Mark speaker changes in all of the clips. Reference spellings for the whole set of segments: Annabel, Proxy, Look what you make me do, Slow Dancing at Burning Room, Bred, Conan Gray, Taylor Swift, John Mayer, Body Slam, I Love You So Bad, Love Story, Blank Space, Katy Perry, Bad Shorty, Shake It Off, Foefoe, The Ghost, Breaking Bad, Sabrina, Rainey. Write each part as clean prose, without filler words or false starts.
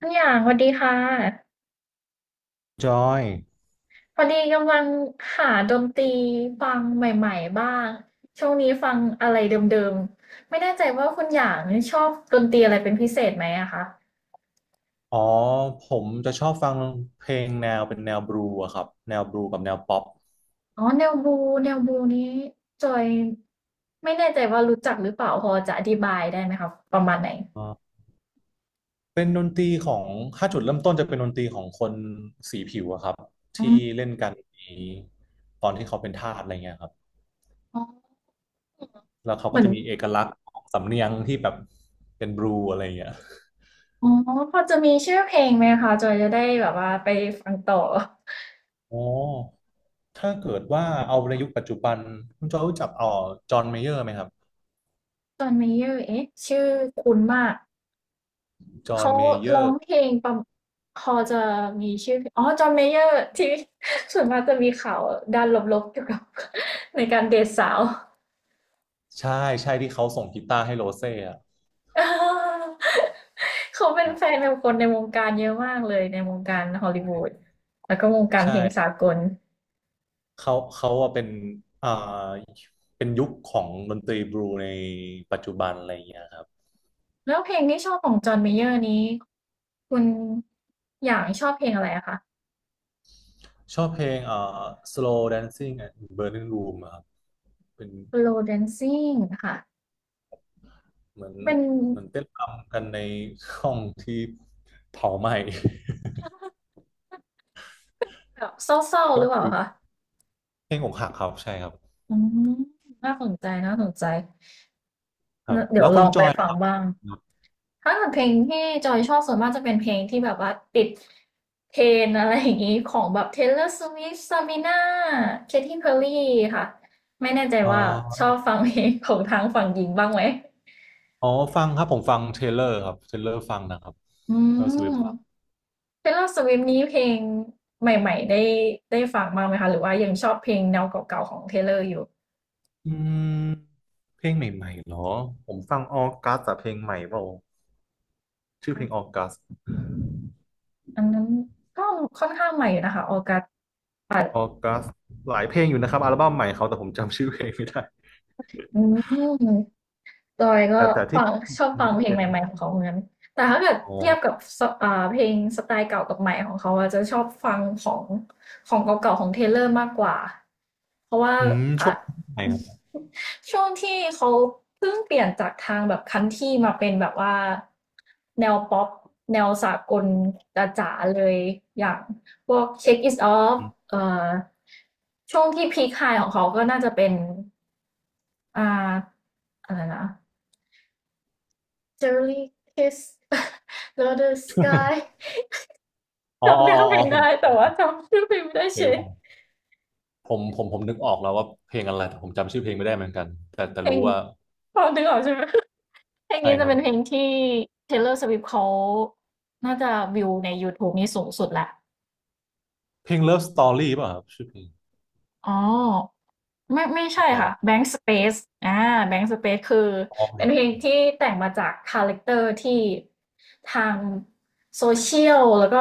Speaker 1: ทุกอย่างสวัสดีค่ะ
Speaker 2: จอย
Speaker 1: พอดีกำลังหาดนตรีฟังใหม่ๆบ้างช่วงนี้ฟังอะไรเดิมๆไม่แน่ใจว่าคุณอย่างชอบดนตรีอะไรเป็นพิเศษไหมอะคะ
Speaker 2: อ๋อ ผมจะชอบฟังเพลงแนวเป็นแนวบลูอะครับ แนวบลูกับแนวป๊อป
Speaker 1: อ๋อแนวบูแนวบูนี้จอยไม่แน่ใจว่ารู้จักหรือเปล่าพอจะอธิบายได้ไหมคะประมาณไหน
Speaker 2: อ่าเป็นดนตรีของถ้าจุดเริ่มต้นจะเป็นดนตรีของคนสีผิวอะครับ
Speaker 1: อื
Speaker 2: ที่
Speaker 1: ม
Speaker 2: เล่นกันในตอนที่เขาเป็นทาสอะไรเงี้ยครับ
Speaker 1: อ๋อ
Speaker 2: แล้วเขา
Speaker 1: เห
Speaker 2: ก็
Speaker 1: มือน
Speaker 2: จะมีเอกลักษณ์ของสำเนียงที่แบบเป็นบลูอะไรเงี้ย
Speaker 1: อ๋อพอจะมีชื่อเพลงไหมคะจอยจะได้แบบว่าไปฟังต่อ
Speaker 2: อ๋อถ้าเกิดว่าเอาในยุคปัจจุบันคุณจอยรู้จักจอห์นเมเยอร์ไหมครับ
Speaker 1: จอห์นเมเยอร์เอ๊ะชื่อคุ้นมาก
Speaker 2: จอห์น
Speaker 1: เขา
Speaker 2: เมเย
Speaker 1: ร้
Speaker 2: อ
Speaker 1: อง
Speaker 2: ร์
Speaker 1: เพลงประมพอจะมีชื่อเพลงอ๋อ John Mayer ที่ ส่วนมากจะมีข่าวด้านลบๆเกี่ยวกับ ในการเดทสาว
Speaker 2: ใช่ใช่ที่เขาส่งกีตาร์ให้โรเซ่อะ
Speaker 1: เออเขาเป็นแฟนกับคนในวงการเยอะมากเลยในวงการฮอลลีวูดแล้วก็วงการเพลงสา
Speaker 2: ใช่
Speaker 1: กล
Speaker 2: เขาอะเป็นอ่าเป็นยุคของดนตรีบลูในปัจจุบันอะไรอย่างเงี้ยครับ
Speaker 1: แล้วเพลงที่ชอบของจอห์นเมเยอร์นี้คุณอย่างชอบเพลงอะไรอะคะ
Speaker 2: ชอบเพลงSlow Dancing at Burning Room อะครับเป็น
Speaker 1: Slow Dancing ค่ะ
Speaker 2: เหมือน
Speaker 1: เป็น
Speaker 2: เต้นรำกันในห้องที่เผาไหม้
Speaker 1: แบบเศร้า ๆห
Speaker 2: ก็
Speaker 1: รือเปล่า
Speaker 2: คือ
Speaker 1: คะ
Speaker 2: เพลงอกหักครับ ใช่ครับ
Speaker 1: อืมน่าสนใจน่าสนใจ
Speaker 2: ครับ
Speaker 1: งั้นเดี๋ย
Speaker 2: แล้
Speaker 1: ว
Speaker 2: ว
Speaker 1: ล
Speaker 2: คุณ
Speaker 1: อง
Speaker 2: จ
Speaker 1: ไป
Speaker 2: อยล่ะ
Speaker 1: ฟัง
Speaker 2: ครับ
Speaker 1: บ้าง ถ้าเกิดเพลงที่จอยชอบส่วนมากจะเป็นเพลงที่แบบว่าติดเทรนด์อะไรอย่างนี้ของแบบ Taylor Swift Sabrina Katy Perry ค่ะ ไม่แน่ใจ
Speaker 2: อ๋อ
Speaker 1: ว่าชอบฟังเพลงของทางฝั่งหญิงบ้างไหม
Speaker 2: อ๋อฟังครับผมฟังเทเลอร์ครับ เทเลอร์ฟังนะครับ
Speaker 1: อื
Speaker 2: แล้วสวิฟฟัง
Speaker 1: ม Taylor Swift นี้เพลงใหม่ๆได้ได้ฟังบ้างไหมคะหรือว่ายังชอบเพลงแนวเก่าๆของ Taylor อยู่
Speaker 2: อืมเพลงใหม่ๆเหรอผมฟังออกัสแต่เพลงใหม่เปล่า ชื่อเพลงออกัส
Speaker 1: อันนั้นก็ค่อนข้างใหม่อยู่นะคะออกัส
Speaker 2: ออกัสหลายเพลงอยู่นะครับอัลบั้มใหม่เขาแต่ผมจำชื่อเพลงไม่ได้
Speaker 1: อืม จอยก็
Speaker 2: แต่
Speaker 1: ฟั
Speaker 2: ที่
Speaker 1: งชอบ
Speaker 2: มั
Speaker 1: ฟั
Speaker 2: น
Speaker 1: ง
Speaker 2: ก็
Speaker 1: เพลง
Speaker 2: เป็
Speaker 1: ให
Speaker 2: น
Speaker 1: ม่ๆของเขาเหมือนกันแต่ถ้าเกิด
Speaker 2: อ๋อ
Speaker 1: เทียบกับสเพลงสไตล์เก่ากับใหม่ของเขาอะจะชอบฟังของเก่าๆของเทเลอร์มากกว่า เพราะว่า
Speaker 2: อืม
Speaker 1: อ่ะ
Speaker 2: ช่วงไหนครับ
Speaker 1: ช่วงที่เขาเพิ่งเปลี่ยนจากทางแบบคันทรี่มาเป็นแบบว่าแนวป๊อปแนวสากลจ๋าๆเลยอย่างพวก Shake It Off
Speaker 2: อ
Speaker 1: เอ่อช่วงที่พีคไฮของเขาก็น่าจะเป็นอ่าอะไรนะ Cherry Kiss Another Sky
Speaker 2: ๋อ
Speaker 1: จำ
Speaker 2: อ๋อ
Speaker 1: เนื้อ
Speaker 2: อ๋อ
Speaker 1: เพ
Speaker 2: อ๋
Speaker 1: ล
Speaker 2: อ
Speaker 1: ง
Speaker 2: ผม
Speaker 1: ได้แต่ว่าจำชื่อเพลงไม่ได้
Speaker 2: เค
Speaker 1: เช
Speaker 2: ย
Speaker 1: ย
Speaker 2: ผมผมนึกออกแล้วว่าเพลงอะไรแต่ผมจำชื่อเพลงไม่ได้เหมือนกันแต่
Speaker 1: เพล
Speaker 2: รู้
Speaker 1: ง
Speaker 2: ว่า
Speaker 1: พอดึงออกใช่ไหม เพลง
Speaker 2: ใช่
Speaker 1: นี้
Speaker 2: ค
Speaker 1: จะ
Speaker 2: รับ
Speaker 1: เป็นเพลงที่ Taylor Swift เขาน่าจะวิวใน YouTube นี่สูงสุดแหละ
Speaker 2: เพลง Love Story ป่ะครับชื่อเพลง
Speaker 1: อ๋อไม่
Speaker 2: หรื
Speaker 1: ใช่
Speaker 2: อเปล่า
Speaker 1: ค่ะ Blank Space อ่า Blank Space คือ
Speaker 2: อ๋อ
Speaker 1: เป็นเพลงที่แต่งมาจากคาแรคเตอร์ที่ทางโซเชียลแล้วก็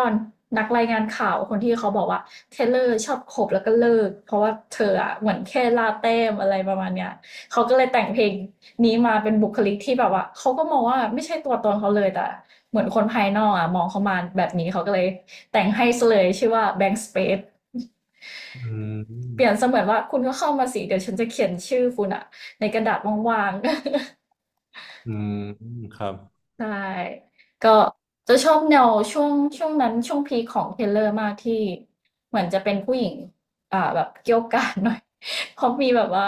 Speaker 1: นักรายงานข่าวคนที่เขาบอกว่าเทเลอร์ชอบขบแล้วก็เลิกเพราะว่าเธออะเหมือนแค่ลาเต้มอะไรประมาณเนี้ยเขาก็เลยแต่งเพลงนี้มาเป็นบุคลิกที่แบบว่าเขาก็มองว่าไม่ใช่ตัวตนเขาเลยแต่เหมือนคนภายนอกอะมองเขามาแบบนี้เขาก็เลยแต่งให้ซะเลยชื่อว่า Blank Space
Speaker 2: อื
Speaker 1: เปลี่ยน
Speaker 2: ม
Speaker 1: เสมือนว่าคุณก็เข้ามาสิเดี๋ยวฉันจะเขียนชื่อคุณอะในกระดาษว่างๆ
Speaker 2: อืมครับ
Speaker 1: ใช่ ก็จะชอบแนวช่วงนั้นช่วงพีคของเทเลอร์มากที่เหมือนจะเป็นผู้หญิงแบบเกี่ยวกาดหน่อย เขาะมีแบบว่า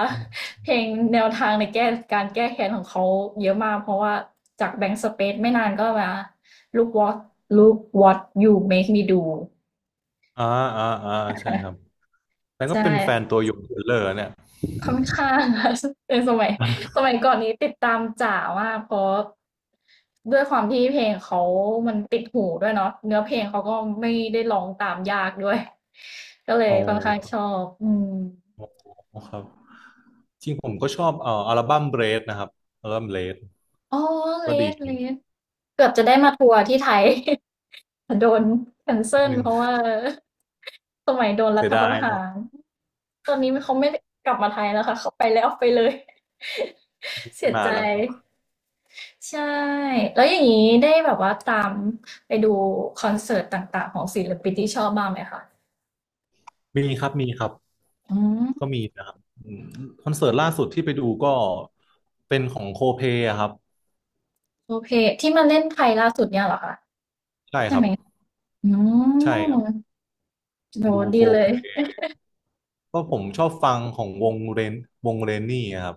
Speaker 1: เพลงแนวทางในแก้การแก้แค้นของเขาเยอะมากเพราะว่าจากแบงค์สเปซไม่นานก็มา Look what Look what you make me do
Speaker 2: อ่าอ่าอ่าใช่ครับแล้วก็
Speaker 1: ใช่
Speaker 2: เป็นแฟนตัวยงเทเลอร์เนี่ย
Speaker 1: ค่อนข้าง ค่ะ เนสมัยก่อนนี้ติดตามจ๋ามากเพราะด้วยความที่เพลงเขามันติดหูด้วยเนาะเนื้อเพลงเขาก็ไม่ได้ร้องตามยากด้วยก็เล
Speaker 2: อ๋
Speaker 1: ย
Speaker 2: อ
Speaker 1: ค่อนข้างชอบอืม
Speaker 2: ครับ จริงผมก็ชอบอัลบั้มเบรดนะครับอัลบั้มเบรด
Speaker 1: อ๋อเล
Speaker 2: ก็ดี
Speaker 1: สเลสเกือบจะได้มาทัวร์ที่ไทย แต่โดนแคนเซิ
Speaker 2: นิด
Speaker 1: ล
Speaker 2: นึง
Speaker 1: เพราะว่าสมัยโดนรั
Speaker 2: เสี
Speaker 1: ฐ
Speaker 2: ย
Speaker 1: ป
Speaker 2: ดาย
Speaker 1: ระหา
Speaker 2: นะ
Speaker 1: รตอนนี้เขาไม่กลับมาไทยแล้วค่ะเขาไปแล้วไปเลย
Speaker 2: ไม่
Speaker 1: เสีย
Speaker 2: มา
Speaker 1: ใจ
Speaker 2: แล้วครับ
Speaker 1: ใช่แล้วอย่างนี้ได้แบบว่าตามไปดูคอนเสิร์ตต่างๆของศิลปินที่ชอบบ้างไหมคะ
Speaker 2: มีครับมีครับ
Speaker 1: อืม
Speaker 2: ก็มีนะครับอืมคอนเสิร์ตล่าสุดที่ไปดูก็เป็นของโคเพอะครับ
Speaker 1: โอเคที่มาเล่นไทยล่าสุดเนี่ยเหรอคะ
Speaker 2: ใช่
Speaker 1: ใช่
Speaker 2: ครั
Speaker 1: ไหม
Speaker 2: บ
Speaker 1: อื
Speaker 2: ใช่ค
Speaker 1: ม
Speaker 2: รับ
Speaker 1: โห
Speaker 2: ดูโค
Speaker 1: ดีเล
Speaker 2: เพ
Speaker 1: ย
Speaker 2: ก็ผมชอบฟังของวงเรนวงเรนนี่อะครับ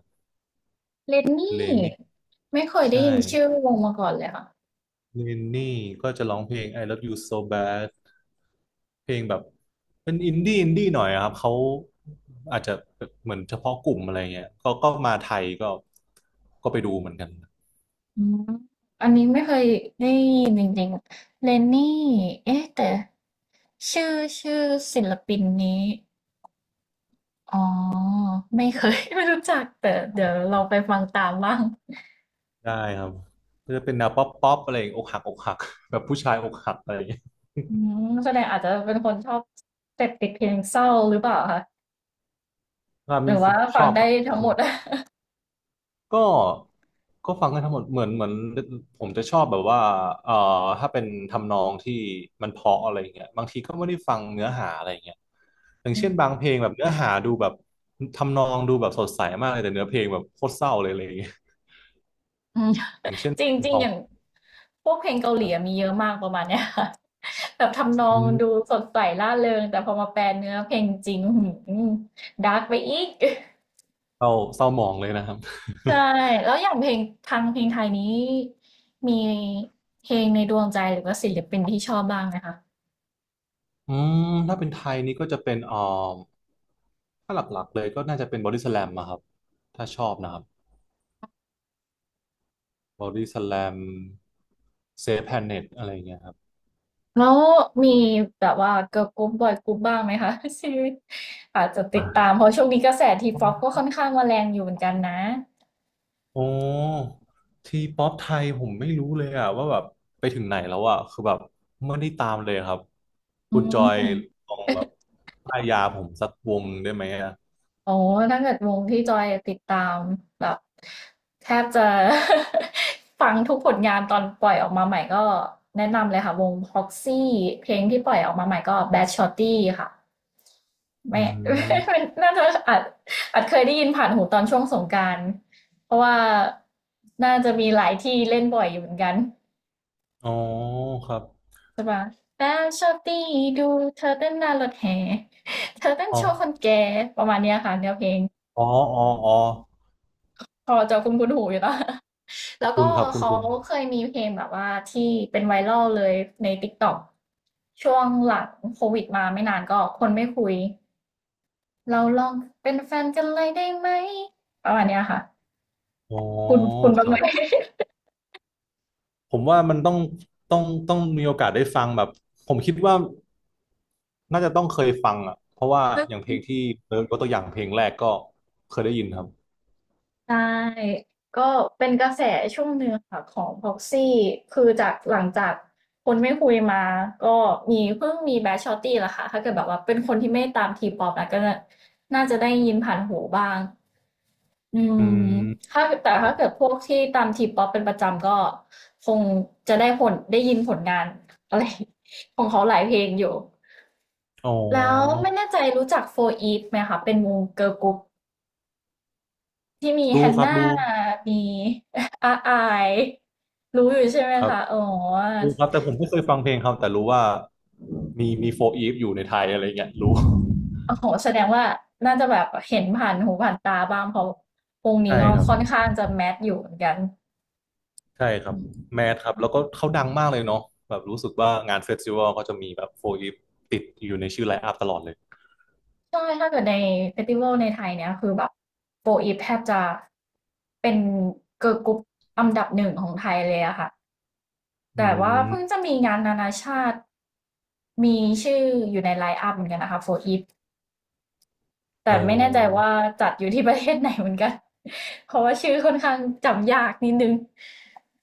Speaker 1: เลน
Speaker 2: เร
Speaker 1: นี่
Speaker 2: นนี่
Speaker 1: ไม่เคยได้
Speaker 2: ใช่
Speaker 1: ยินชื่อวงมาก่อนเลยค่ะ
Speaker 2: เรนนี่ก็จะร้องเพลง I Love You So Bad เพลงแบบเป็นอินดี้อินดี้หน่อยอะครับเขาอาจจะเหมือนเฉพาะกลุ่มอะไรเงี้ยก็มาไทยก็ไปดูเหมือนกัน
Speaker 1: อืมอันนี้ไม่เคยได้ยินจริงๆเลนนี่เอ๊ะแต่ชื่อชื่อศิลปินนี้อ๋อไม่เคย ไม่รู้จักแต่เดี๋ยวเราไปฟังตามบ้าง
Speaker 2: ได้ครับก็จะเป็นแนวป๊อปป๊อปอะไรอย่างอกหักอกหักแบบผู้ชายอกหักอะไรอย่างเงี้ย
Speaker 1: อืมแสดงอาจจะเป็นคนชอบเสพติดเพลงเศร้าหรือเปล่าคะ
Speaker 2: ว่า
Speaker 1: ห
Speaker 2: มี
Speaker 1: รือว่า
Speaker 2: ช
Speaker 1: ฟัง
Speaker 2: อบค
Speaker 1: ได้
Speaker 2: รั
Speaker 1: ทั้งหมด
Speaker 2: บ ก็ก็ฟังกันทั้งหมดเหมือนเหมือนผมจะชอบแบบว่าเอ่อถ้าเป็นทำนองที่มันเพราะอะไรอย่างเงี้ยบางทีก็ไม่ได้ฟังเนื้อหาอะไรอย่างเงี้ยอย่าง
Speaker 1: อื
Speaker 2: เช่นบา
Speaker 1: ม
Speaker 2: งเพลงแบบเนื้อหาดูแบบทำนองดูแบบสดใสมากเลยแต่เนื้อเพลงแบบโคตรเศร้าเลยอะไรอย่างเงี้ย
Speaker 1: อืม
Speaker 2: อย่างเช่น
Speaker 1: จ
Speaker 2: เพลง
Speaker 1: ริ
Speaker 2: ข
Speaker 1: ง
Speaker 2: อ
Speaker 1: ๆอ
Speaker 2: ง
Speaker 1: ย่างพวกเพลงเกาห
Speaker 2: ค
Speaker 1: ลี
Speaker 2: รั
Speaker 1: อะ
Speaker 2: บ
Speaker 1: มีเยอะมากประมาณเนี้ยค่ะ แบบทำนอ
Speaker 2: อื
Speaker 1: งดู
Speaker 2: ม
Speaker 1: สดใสร่าเริงแต่พอมาแปลเนื้อเพลงจริงดาร์กไปอีก
Speaker 2: เศร้าเศร้าหมองเลยนะครับ
Speaker 1: ใช่แล้วอย่างเพลงทางเพลงไทยนี้มีเพลงในดวงใจหรือว่าศิลปินที่ชอบบ้างไหมคะ
Speaker 2: อืมถ้าเป็นไทยนี่ก็จะเป็นถ้าหลักๆเลยก็น่าจะเป็นบอดี้สแลมอะครับถ้าชอบนะครับบอดี้สแลมเซฟแพนเน็ตอะไรอย่างเงี้ยครับ
Speaker 1: แล้วมีแบบว่าเกิร์ลกรุ๊ปบอยกรุ๊ปบ้างไหมคะ ชีวิตอาจจะติดตามเพราะช่วงนี้กระแสทีป๊อปก็ค่อนข้างมาแรงอยู่เหมือนกันนะ
Speaker 2: โอ้ทีป๊อปไทยผมไม่รู้เลยอะว่าแบบไปถึงไหนแล้วอะคือแบบไม่ได้ตามเลยครับ
Speaker 1: อื
Speaker 2: คุณจอย
Speaker 1: ม
Speaker 2: ลองแบบป้ายยาผมสักวงได้ไหมอะ
Speaker 1: โอ้ถ้าเกิดวงที่จอยติดตามแบบแทบจะ ฟังทุกผลงานตอนปล่อยออกมาใหม่ก็แนะนำเลยค่ะวง Proxy เพลงที่ปล่อยออกมาใหม่ก็ Bad Shorty ค่ะ
Speaker 2: อื
Speaker 1: แม่
Speaker 2: ม
Speaker 1: น่าจะอาจเคยได้ยินผ่านหูตอนช่วงสงกรานต์เพราะว่าน่าจะมีหลายที่เล่นบ่อยอยู่เหมือนกัน
Speaker 2: อ๋อครับ
Speaker 1: ใช่ปะแล้ชอบตีดูเธอเต้นหน้ารถแห่ เธอเต้น
Speaker 2: อ๋อ
Speaker 1: โชว์คนแก่ประมาณเนี้ยค่ะแนวเพลง
Speaker 2: อ๋ออ๋ออ๋อ
Speaker 1: พอจะคุ้นคุ้นหูอยู่แล้ว แล้ว
Speaker 2: คุ
Speaker 1: ก็
Speaker 2: ณครับคุณ
Speaker 1: เขา
Speaker 2: คุณครั
Speaker 1: เค
Speaker 2: บ
Speaker 1: ยมีเพลงแบบว่าที่เป็นไวรัลเลยใน TikTok ช่วงหลังโควิดมาไม่นานก็คนไม่คุย เราลองเป็นแฟนกันเลยได้ไหมประมาณเนี้ยค่ะ
Speaker 2: อ๋อ
Speaker 1: คุณคุณ
Speaker 2: ค
Speaker 1: บ้างไห
Speaker 2: รั
Speaker 1: ม
Speaker 2: บผมว่ามันต้องต้องต้องมีโอกาสได้ฟังแบบผมคิดว่าน่าจะต้องเคยฟังอะเพราะว่าอย่างเพลง ที่เติร์ดยกตัวอย่างเพลงแรกก็เคยได้ยินครับ
Speaker 1: ใช่ก็เป็นกระแสช่วงหนึ่งค่ะของ Proxy คือจากหลังจากคนไม่คุยมาก็มีเพิ่งมีแบทชอตตี้ละค่ะถ้าเกิดแบบว่าเป็นคนที่ไม่ตามทีป๊อปนะก็น่าจะได้ยินผ่านหูบ้างอื
Speaker 2: อื
Speaker 1: ม
Speaker 2: ม
Speaker 1: ถ้าแต่
Speaker 2: ครับ
Speaker 1: ถ้าเกิดพวกที่ตามทีป๊อปเป็นประจำก็คงจะได้ผลได้ยินผลงานอะไร ของเขาหลายเพลงอยู่
Speaker 2: อ๋อ
Speaker 1: แล้วไม่แน่ใจรู้จัก4 e ีฟไหมคะเป็นวงเกิร์ลกรุ๊ป ที่มีแฮั
Speaker 2: รู้
Speaker 1: น
Speaker 2: ครับ
Speaker 1: น่ามี อาอายรู้อยู่ใช่ไหม
Speaker 2: ครับ
Speaker 1: คะอ๋อ
Speaker 2: รู้ครับแต่ผมไม่เคยฟังเพลงเขาแต่รู้ว่ามีโฟอีฟอยู่ในไทยอะไรเงี้ยรู้
Speaker 1: โอ้โหแสดงว่าน่าจะแบบเห็นผ่านหูผ่านตาบ้างเพราะวงนี้
Speaker 2: ใช่
Speaker 1: ก็
Speaker 2: ครับ
Speaker 1: ค่อนข้างจะแมสอยู่เหมือนกัน
Speaker 2: ใช่ครั
Speaker 1: อื
Speaker 2: บ
Speaker 1: ม
Speaker 2: แมทครับแล้วก็เขาดังมากเลยเนาะแบบรู้สึกว่างานเฟสติวัลเขาจะมีแบบโฟอีฟติดอยู่ในชื่อไลน์อัพตลอดเลย
Speaker 1: ใช่ถ้าเกิดในเฟสติวัลในไทยเนี่ยคือแบบโฟอีฟแทบจะเป็น Girl กรลกรุ๊ปอันดับหนึ่งของไทยเลยอะค่ะ
Speaker 2: อื
Speaker 1: แต่ว่าเพิ่งจะ
Speaker 2: ม
Speaker 1: มีงานนานาชาติมีชื่ออยู่ในไลน์อัพเหมือนกันนะคะโฟอีฟ
Speaker 2: อ๋
Speaker 1: แต่
Speaker 2: อ
Speaker 1: ไม่แน่ใจว่าจัดอยู่ที่ประเทศไหนเหมือนกัน เพราะว่าชื่อค่อนข้างจำยากนิดนึง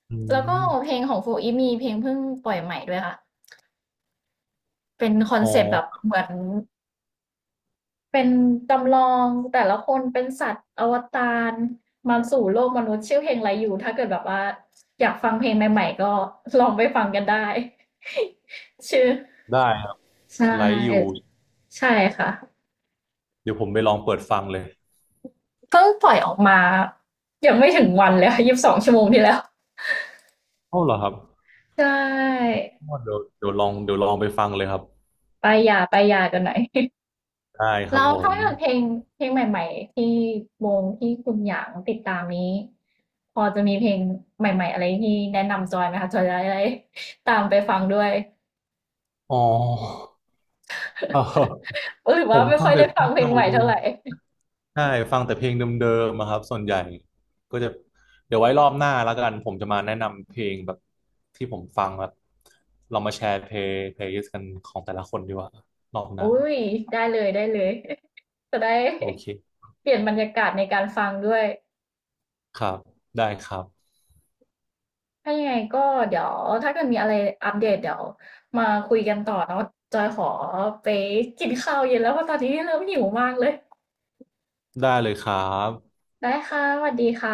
Speaker 2: อื
Speaker 1: แล้วก็เพ
Speaker 2: ม
Speaker 1: ลงของโฟอีฟมีเพลงเพิ่งปล่อยใหม่ด้วยค่ะเป็นคอน
Speaker 2: อ๋อ
Speaker 1: เซปต์แบบเหมือนเป็นจำลองแต่ละคนเป็นสัตว์อวตารมาสู่โลกมนุษย์ชื่อเพลงไรอยู่ถ้าเกิดแบบว่าอยากฟังเพลงใหม่ๆก็ลองไปฟังกันได้ ชื่อ
Speaker 2: ได้ครับ
Speaker 1: ใช
Speaker 2: ไลฟ์อยู่
Speaker 1: ่ใช่ค่ะ
Speaker 2: เดี๋ยวผมไปลองเปิดฟังเลย
Speaker 1: เพิ่งปล่อยออกมายังไม่ถึงวันเลยค่ะ22 ชั่วโมงที่แล้ว
Speaker 2: เอ้าเหรอครับ
Speaker 1: ใช่
Speaker 2: อ๋อเดี๋ยวเดี๋ยวลองไปฟังเลยครับ
Speaker 1: ไปหย่าไปหย่ากันหน่อย
Speaker 2: ได้ ค
Speaker 1: แล้
Speaker 2: รับ
Speaker 1: ว
Speaker 2: ผ
Speaker 1: ถ้า
Speaker 2: ม
Speaker 1: เกิดเพลงเพลงใหม่ๆที่วงที่คุณหยางติดตามนี้พอจะมีเพลงใหม่ๆอะไรที่แนะนำจอยไหมคะจอยจะได้ตามไปฟังด้วย
Speaker 2: อ๋อ
Speaker 1: หรือ
Speaker 2: ผ
Speaker 1: ว่า
Speaker 2: ม
Speaker 1: ไม่
Speaker 2: ฟั
Speaker 1: ค่
Speaker 2: ง
Speaker 1: อย
Speaker 2: แต่
Speaker 1: ได้
Speaker 2: เพ
Speaker 1: ฟั
Speaker 2: ล
Speaker 1: ง
Speaker 2: ง
Speaker 1: เพลง
Speaker 2: เก่า
Speaker 1: ใหม่
Speaker 2: เล
Speaker 1: เท่า
Speaker 2: ย
Speaker 1: ไหร่
Speaker 2: ใช่ฟังแต่เพลงเดิมๆอะครับส่วนใหญ่ก็จะเดี๋ยวไว้รอบหน้าแล้วกันผมจะมาแนะนำเพลงแบบที่ผมฟังแบบเรามาแชร์เพลย์ลิสต์กันของแต่ละคนดีกว่ารอบหน้า
Speaker 1: อุ้ยได้เลยได้เลยจะได้
Speaker 2: โอเค
Speaker 1: เปลี่ยนบรรยากาศในการฟังด้วย
Speaker 2: ครับได้ครับ
Speaker 1: ถ้ายังไงก็เดี๋ยวถ้าเกิดมีอะไรอัปเดตเดี๋ยวมาคุยกันต่อเนาะจอยขอไปกินข้าวเย็นแล้วเพราะตอนนี้เริ่มหิวมากเลย
Speaker 2: ได้เลยครับ
Speaker 1: ได้ค่ะสวัสดีค่ะ